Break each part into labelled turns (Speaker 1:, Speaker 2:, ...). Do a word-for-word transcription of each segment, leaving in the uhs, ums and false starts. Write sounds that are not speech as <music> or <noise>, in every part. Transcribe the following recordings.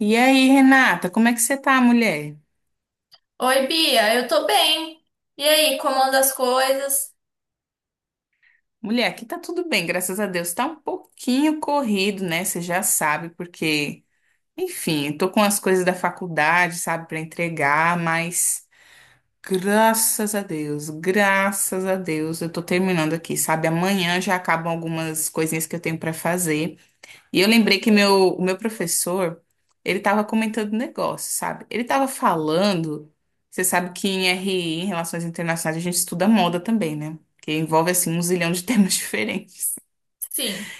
Speaker 1: E aí, Renata, como é que você tá, mulher?
Speaker 2: Oi, Bia, eu tô bem. E aí, como anda as coisas?
Speaker 1: Mulher, aqui tá tudo bem, graças a Deus. Tá um pouquinho corrido, né? Você já sabe, porque, enfim, eu tô com as coisas da faculdade, sabe, pra entregar, mas graças a Deus, graças a Deus, eu tô terminando aqui, sabe? Amanhã já acabam algumas coisinhas que eu tenho pra fazer. E eu lembrei que meu, o meu professor, ele tava comentando um negócio, sabe? Ele tava falando, você sabe que em R I, em Relações Internacionais, a gente estuda moda também, né? Que envolve, assim, um zilhão de <laughs> temas diferentes.
Speaker 2: Sim,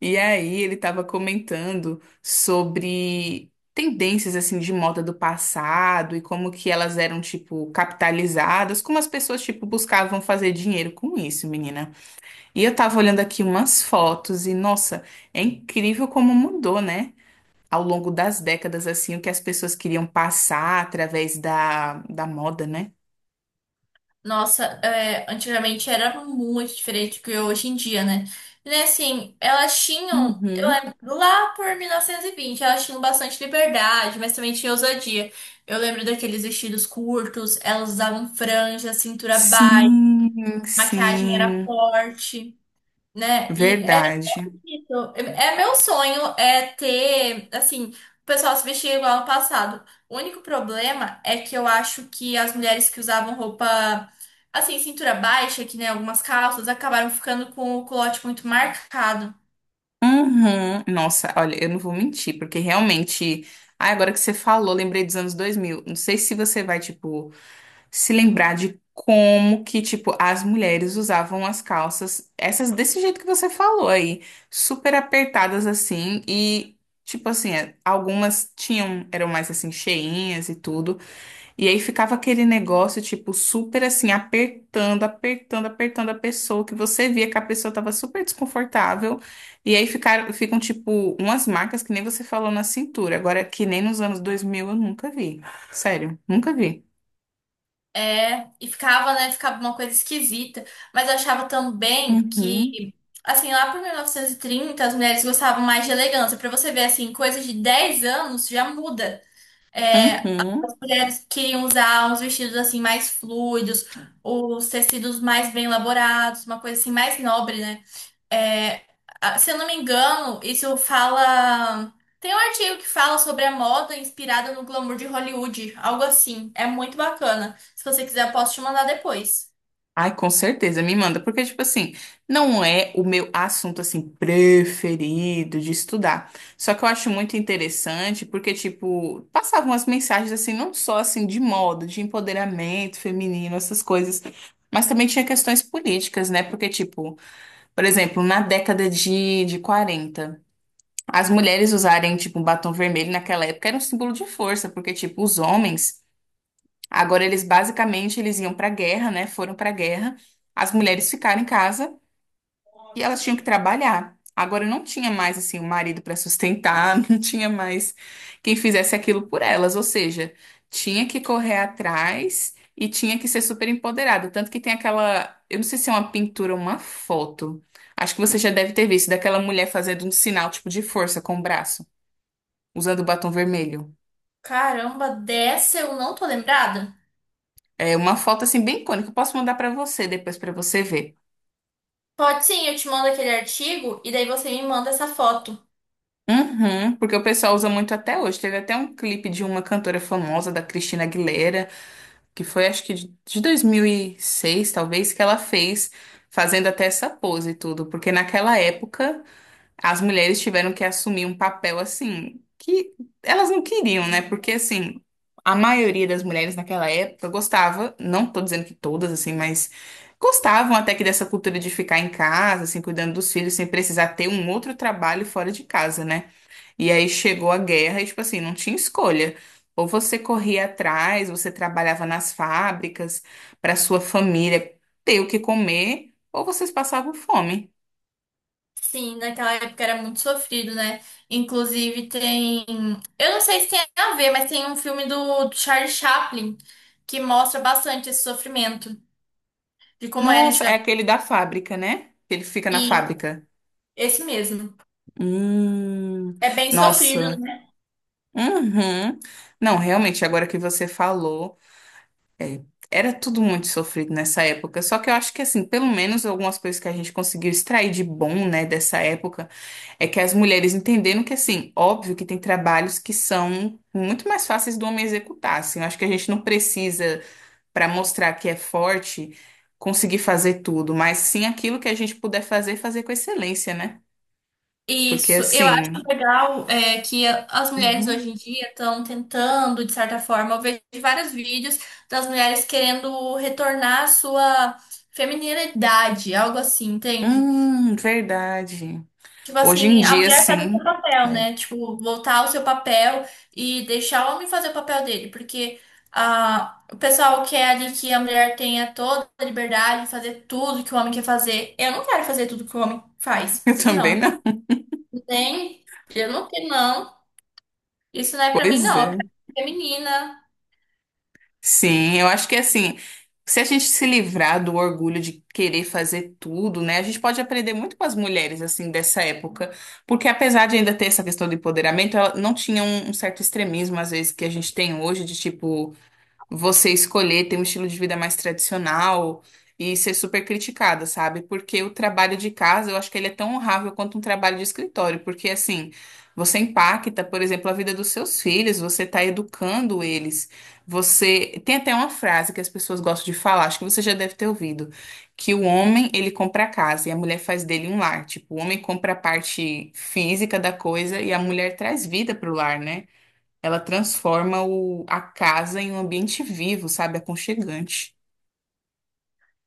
Speaker 1: E aí ele tava comentando sobre tendências, assim, de moda do passado e como que elas eram, tipo, capitalizadas, como as pessoas, tipo, buscavam fazer dinheiro com isso, menina. E eu tava olhando aqui umas fotos e, nossa, é incrível como mudou, né? Ao longo das décadas, assim, o que as pessoas queriam passar através da, da moda, né?
Speaker 2: nossa, é, antigamente era muito diferente do que é hoje em dia, né? E né, assim, elas tinham, eu
Speaker 1: Uhum.
Speaker 2: lembro, lá por mil novecentos e vinte, elas tinham bastante liberdade, mas também tinha ousadia. Eu lembro daqueles vestidos curtos, elas usavam franja, cintura baixa,
Speaker 1: Sim,
Speaker 2: maquiagem era
Speaker 1: sim,
Speaker 2: forte, né? E
Speaker 1: verdade.
Speaker 2: Isso. É meu sonho é ter, assim, o pessoal se vestir igual no passado. O único problema é que eu acho que as mulheres que usavam roupa, assim, cintura baixa, que nem algumas calças, acabaram ficando com o culote muito marcado.
Speaker 1: Uhum. Nossa, olha, eu não vou mentir, porque realmente, ah, agora que você falou, lembrei dos anos dois mil. Não sei se você vai, tipo, se lembrar de como que, tipo, as mulheres usavam as calças, essas desse jeito que você falou aí, super apertadas assim e tipo assim, é, algumas tinham, eram mais assim cheinhas e tudo, e aí ficava aquele negócio tipo super assim apertando, apertando, apertando a pessoa, que você via que a pessoa tava super desconfortável, e aí ficaram, ficam tipo umas marcas que nem você falou na cintura, agora que nem nos anos dois mil eu nunca vi. Sério, nunca vi.
Speaker 2: É, e ficava, né, ficava uma coisa esquisita. Mas eu achava também
Speaker 1: Uhum.
Speaker 2: que, assim, lá por mil novecentos e trinta, as mulheres gostavam mais de elegância. Pra você ver, assim, coisa de dez anos já muda.
Speaker 1: Uhum.
Speaker 2: Mulheres queriam usar uns vestidos assim mais fluidos, os tecidos mais bem elaborados, uma coisa assim mais nobre, né? É, a- Se eu não me engano, isso fala. Tem um artigo que fala sobre a moda inspirada no glamour de Hollywood, algo assim. É muito bacana. Se você quiser, eu posso te mandar depois.
Speaker 1: Ai, com certeza, me manda, porque, tipo assim, não é o meu assunto, assim, preferido de estudar. Só que eu acho muito interessante, porque, tipo, passavam as mensagens, assim, não só, assim, de moda, de empoderamento feminino, essas coisas, mas também tinha questões políticas, né? Porque, tipo, por exemplo, na década de, de quarenta as mulheres usarem, tipo, um batom vermelho naquela época era um símbolo de força, porque, tipo, os homens. Agora eles basicamente eles iam para a guerra, né? Foram para a guerra. As mulheres ficaram em casa e elas tinham que trabalhar. Agora não tinha mais assim o marido para sustentar, <laughs> não tinha mais quem fizesse aquilo por elas, ou seja, tinha que correr atrás e tinha que ser super empoderada, tanto que tem aquela, eu não sei se é uma pintura ou uma foto. Acho que você já deve ter visto daquela mulher fazendo um sinal tipo de força com o braço, usando o batom vermelho.
Speaker 2: Caramba, dessa eu não tô lembrada?
Speaker 1: É uma foto assim bem icônica, eu posso mandar para você depois para você ver.
Speaker 2: Pode sim, eu te mando aquele artigo e daí você me manda essa foto.
Speaker 1: Uhum, porque o pessoal usa muito até hoje. Teve até um clipe de uma cantora famosa, da Cristina Aguilera, que foi acho que de de dois mil e seis, talvez, que ela fez, fazendo até essa pose e tudo. Porque naquela época, as mulheres tiveram que assumir um papel assim, que elas não queriam, né? Porque assim, a maioria das mulheres naquela época gostava, não tô dizendo que todas, assim, mas gostavam até que dessa cultura de ficar em casa, assim, cuidando dos filhos, sem precisar ter um outro trabalho fora de casa, né? E aí chegou a guerra e, tipo assim, não tinha escolha. Ou você corria atrás, você trabalhava nas fábricas para sua família ter o que comer, ou vocês passavam fome.
Speaker 2: Sim, naquela época era muito sofrido, né? Inclusive tem. Eu não sei se tem a ver, mas tem um filme do Charlie Chaplin que mostra bastante esse sofrimento, de como era
Speaker 1: Nossa, é
Speaker 2: antigamente.
Speaker 1: aquele da fábrica, né? Que ele fica na
Speaker 2: E
Speaker 1: fábrica.
Speaker 2: Esse mesmo.
Speaker 1: Hum,
Speaker 2: É bem sofrido,
Speaker 1: nossa.
Speaker 2: né?
Speaker 1: Uhum. Não, realmente, agora que você falou. É, era tudo muito sofrido nessa época. Só que eu acho que, assim, pelo menos algumas coisas que a gente conseguiu extrair de bom, né, dessa época, é que as mulheres entenderam que, assim, óbvio que tem trabalhos que são muito mais fáceis do homem executar, assim. Eu acho que a gente não precisa, para mostrar que é forte, conseguir fazer tudo, mas sim aquilo que a gente puder fazer, fazer com excelência, né? Porque,
Speaker 2: Isso. Eu acho
Speaker 1: assim.
Speaker 2: legal é, que a- as mulheres
Speaker 1: Uhum.
Speaker 2: hoje em dia estão tentando, de certa forma. Eu vejo vários vídeos das mulheres querendo retornar à sua feminilidade, algo assim, entende?
Speaker 1: Hum, verdade.
Speaker 2: Tipo
Speaker 1: Hoje em
Speaker 2: assim, a
Speaker 1: dia,
Speaker 2: mulher faz o seu
Speaker 1: sim.
Speaker 2: papel,
Speaker 1: É,
Speaker 2: né? Tipo, voltar ao seu papel e deixar o homem fazer o papel dele, porque ah, o pessoal quer ali que a mulher tenha toda a liberdade de fazer tudo que o homem quer fazer. Eu não quero fazer tudo que o homem
Speaker 1: <laughs>
Speaker 2: faz.
Speaker 1: eu também
Speaker 2: Não.
Speaker 1: não.
Speaker 2: Nem. Eu não quero, não. Isso não é pra mim,
Speaker 1: Pois
Speaker 2: não. Eu
Speaker 1: é.
Speaker 2: quero ser menina.
Speaker 1: Sim, eu acho que assim, se a gente se livrar do orgulho de querer fazer tudo, né, a gente pode aprender muito com as mulheres, assim, dessa época, porque apesar de ainda ter essa questão do empoderamento, ela não tinha um, um certo extremismo, às vezes, que a gente tem hoje, de tipo você escolher ter um estilo de vida mais tradicional e ser super criticada, sabe? Porque o trabalho de casa, eu acho que ele é tão honrável quanto um trabalho de escritório, porque assim, você impacta, por exemplo, a vida dos seus filhos, você está educando eles. Você tem até uma frase que as pessoas gostam de falar, acho que você já deve ter ouvido, que o homem, ele compra a casa e a mulher faz dele um lar. Tipo, o homem compra a parte física da coisa e a mulher traz vida pro lar, né? Ela transforma o, a casa em um ambiente vivo, sabe? Aconchegante.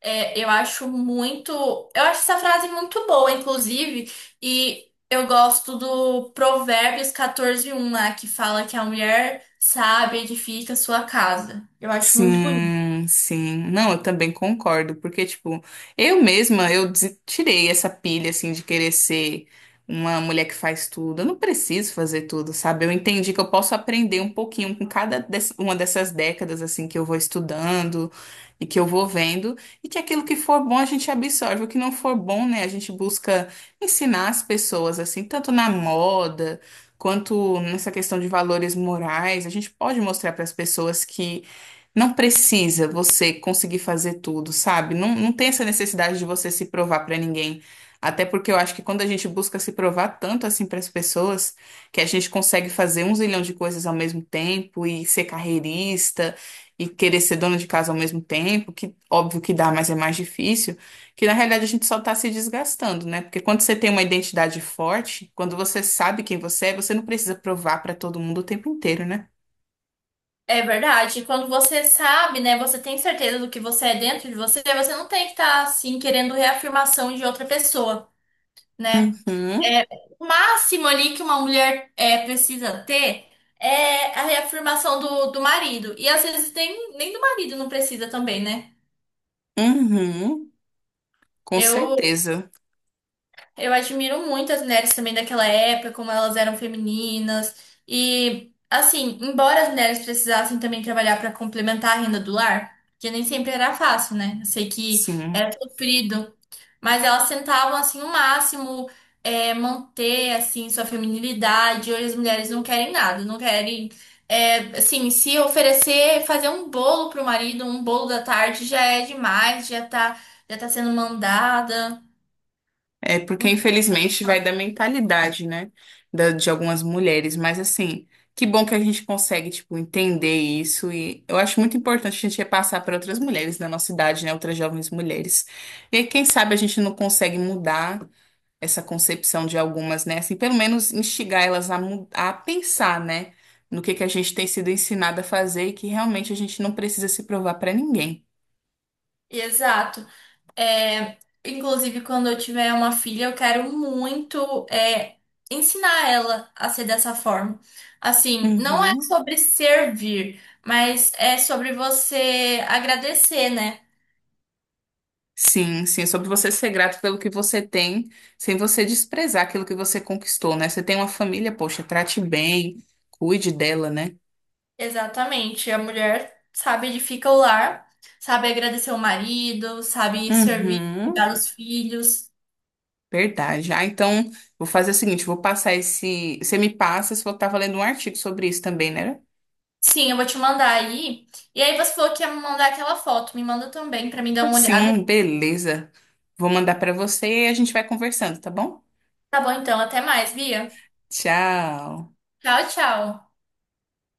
Speaker 2: É, eu acho muito. Eu acho essa frase muito boa, inclusive, e eu gosto do Provérbios quatorze um lá, que fala que a mulher sábia edifica sua casa. Eu acho muito bonito.
Speaker 1: Sim, sim. Não, eu também concordo, porque, tipo, eu mesma, eu des- tirei essa pilha, assim, de querer ser uma mulher que faz tudo. Eu não preciso fazer tudo, sabe? Eu entendi que eu posso aprender um pouquinho com cada des- uma dessas décadas, assim, que eu vou estudando e que eu vou vendo, e que aquilo que for bom a gente absorve, o que não for bom, né, a gente busca ensinar as pessoas, assim, tanto na moda. Quanto nessa questão de valores morais, a gente pode mostrar para as pessoas que não precisa você conseguir fazer tudo, sabe? Não, não tem essa necessidade de você se provar pra ninguém. Até porque eu acho que quando a gente busca se provar tanto assim para as pessoas, que a gente consegue fazer um zilhão de coisas ao mesmo tempo e ser carreirista e querer ser dona de casa ao mesmo tempo, que óbvio que dá, mas é mais difícil, que na realidade a gente só tá se desgastando, né? Porque quando você tem uma identidade forte, quando você sabe quem você é, você não precisa provar pra todo mundo o tempo inteiro, né?
Speaker 2: É verdade. E quando você sabe, né, você tem certeza do que você é dentro de você, você não tem que estar assim querendo reafirmação de outra pessoa, né?
Speaker 1: Uhum,
Speaker 2: É, o máximo ali que uma mulher é, precisa ter é a reafirmação do, do marido. E às vezes nem, nem do marido não precisa também, né?
Speaker 1: uhum. Com
Speaker 2: Eu,
Speaker 1: certeza,
Speaker 2: eu admiro muito as mulheres também daquela época, como elas eram femininas. E, assim, embora as mulheres precisassem também trabalhar para complementar a renda do lar, que nem sempre era fácil, né? Eu sei que era
Speaker 1: sim.
Speaker 2: sofrido. Mas elas tentavam, assim, o máximo é, manter, assim, sua feminilidade. Hoje as mulheres não querem nada, não querem, é, assim, se oferecer, fazer um bolo pro marido, um bolo da tarde já é demais, já tá, já tá sendo mandada.
Speaker 1: É porque,
Speaker 2: Não-
Speaker 1: infelizmente, vai da mentalidade, né? Da, de algumas mulheres. Mas, assim, que bom que a gente consegue, tipo, entender isso. E eu acho muito importante a gente repassar para outras mulheres da nossa idade, né? Outras jovens mulheres. E aí, quem sabe a gente não consegue mudar essa concepção de algumas, né? Assim, pelo menos instigar elas a, mu- a pensar, né? No que que a gente tem sido ensinada a fazer e que realmente a gente não precisa se provar para ninguém.
Speaker 2: Exato. É, Inclusive, quando eu tiver uma filha, eu quero muito é, ensinar ela a ser dessa forma. Assim, não é
Speaker 1: Uhum.
Speaker 2: sobre servir, mas é sobre você agradecer, né?
Speaker 1: Sim, sim, é sobre você ser grato pelo que você tem, sem você desprezar aquilo que você conquistou, né? Você tem uma família, poxa, trate bem, cuide dela, né?
Speaker 2: Exatamente. A mulher sabe edificar o lar, sabe agradecer o marido, sabe servir,
Speaker 1: Uhum,
Speaker 2: cuidar dos filhos.
Speaker 1: verdade. Ah, então, vou fazer o seguinte, vou passar esse... Você me passa, se eu tava lendo um artigo sobre isso também, né?
Speaker 2: Sim, eu vou te mandar aí. E aí você falou que ia me mandar aquela foto. Me manda também pra mim dar
Speaker 1: Ah,
Speaker 2: uma olhada.
Speaker 1: sim, beleza. Vou mandar pra você e a gente vai conversando, tá bom?
Speaker 2: Tá bom, então. Até mais, Bia.
Speaker 1: Tchau.
Speaker 2: Tchau, tchau.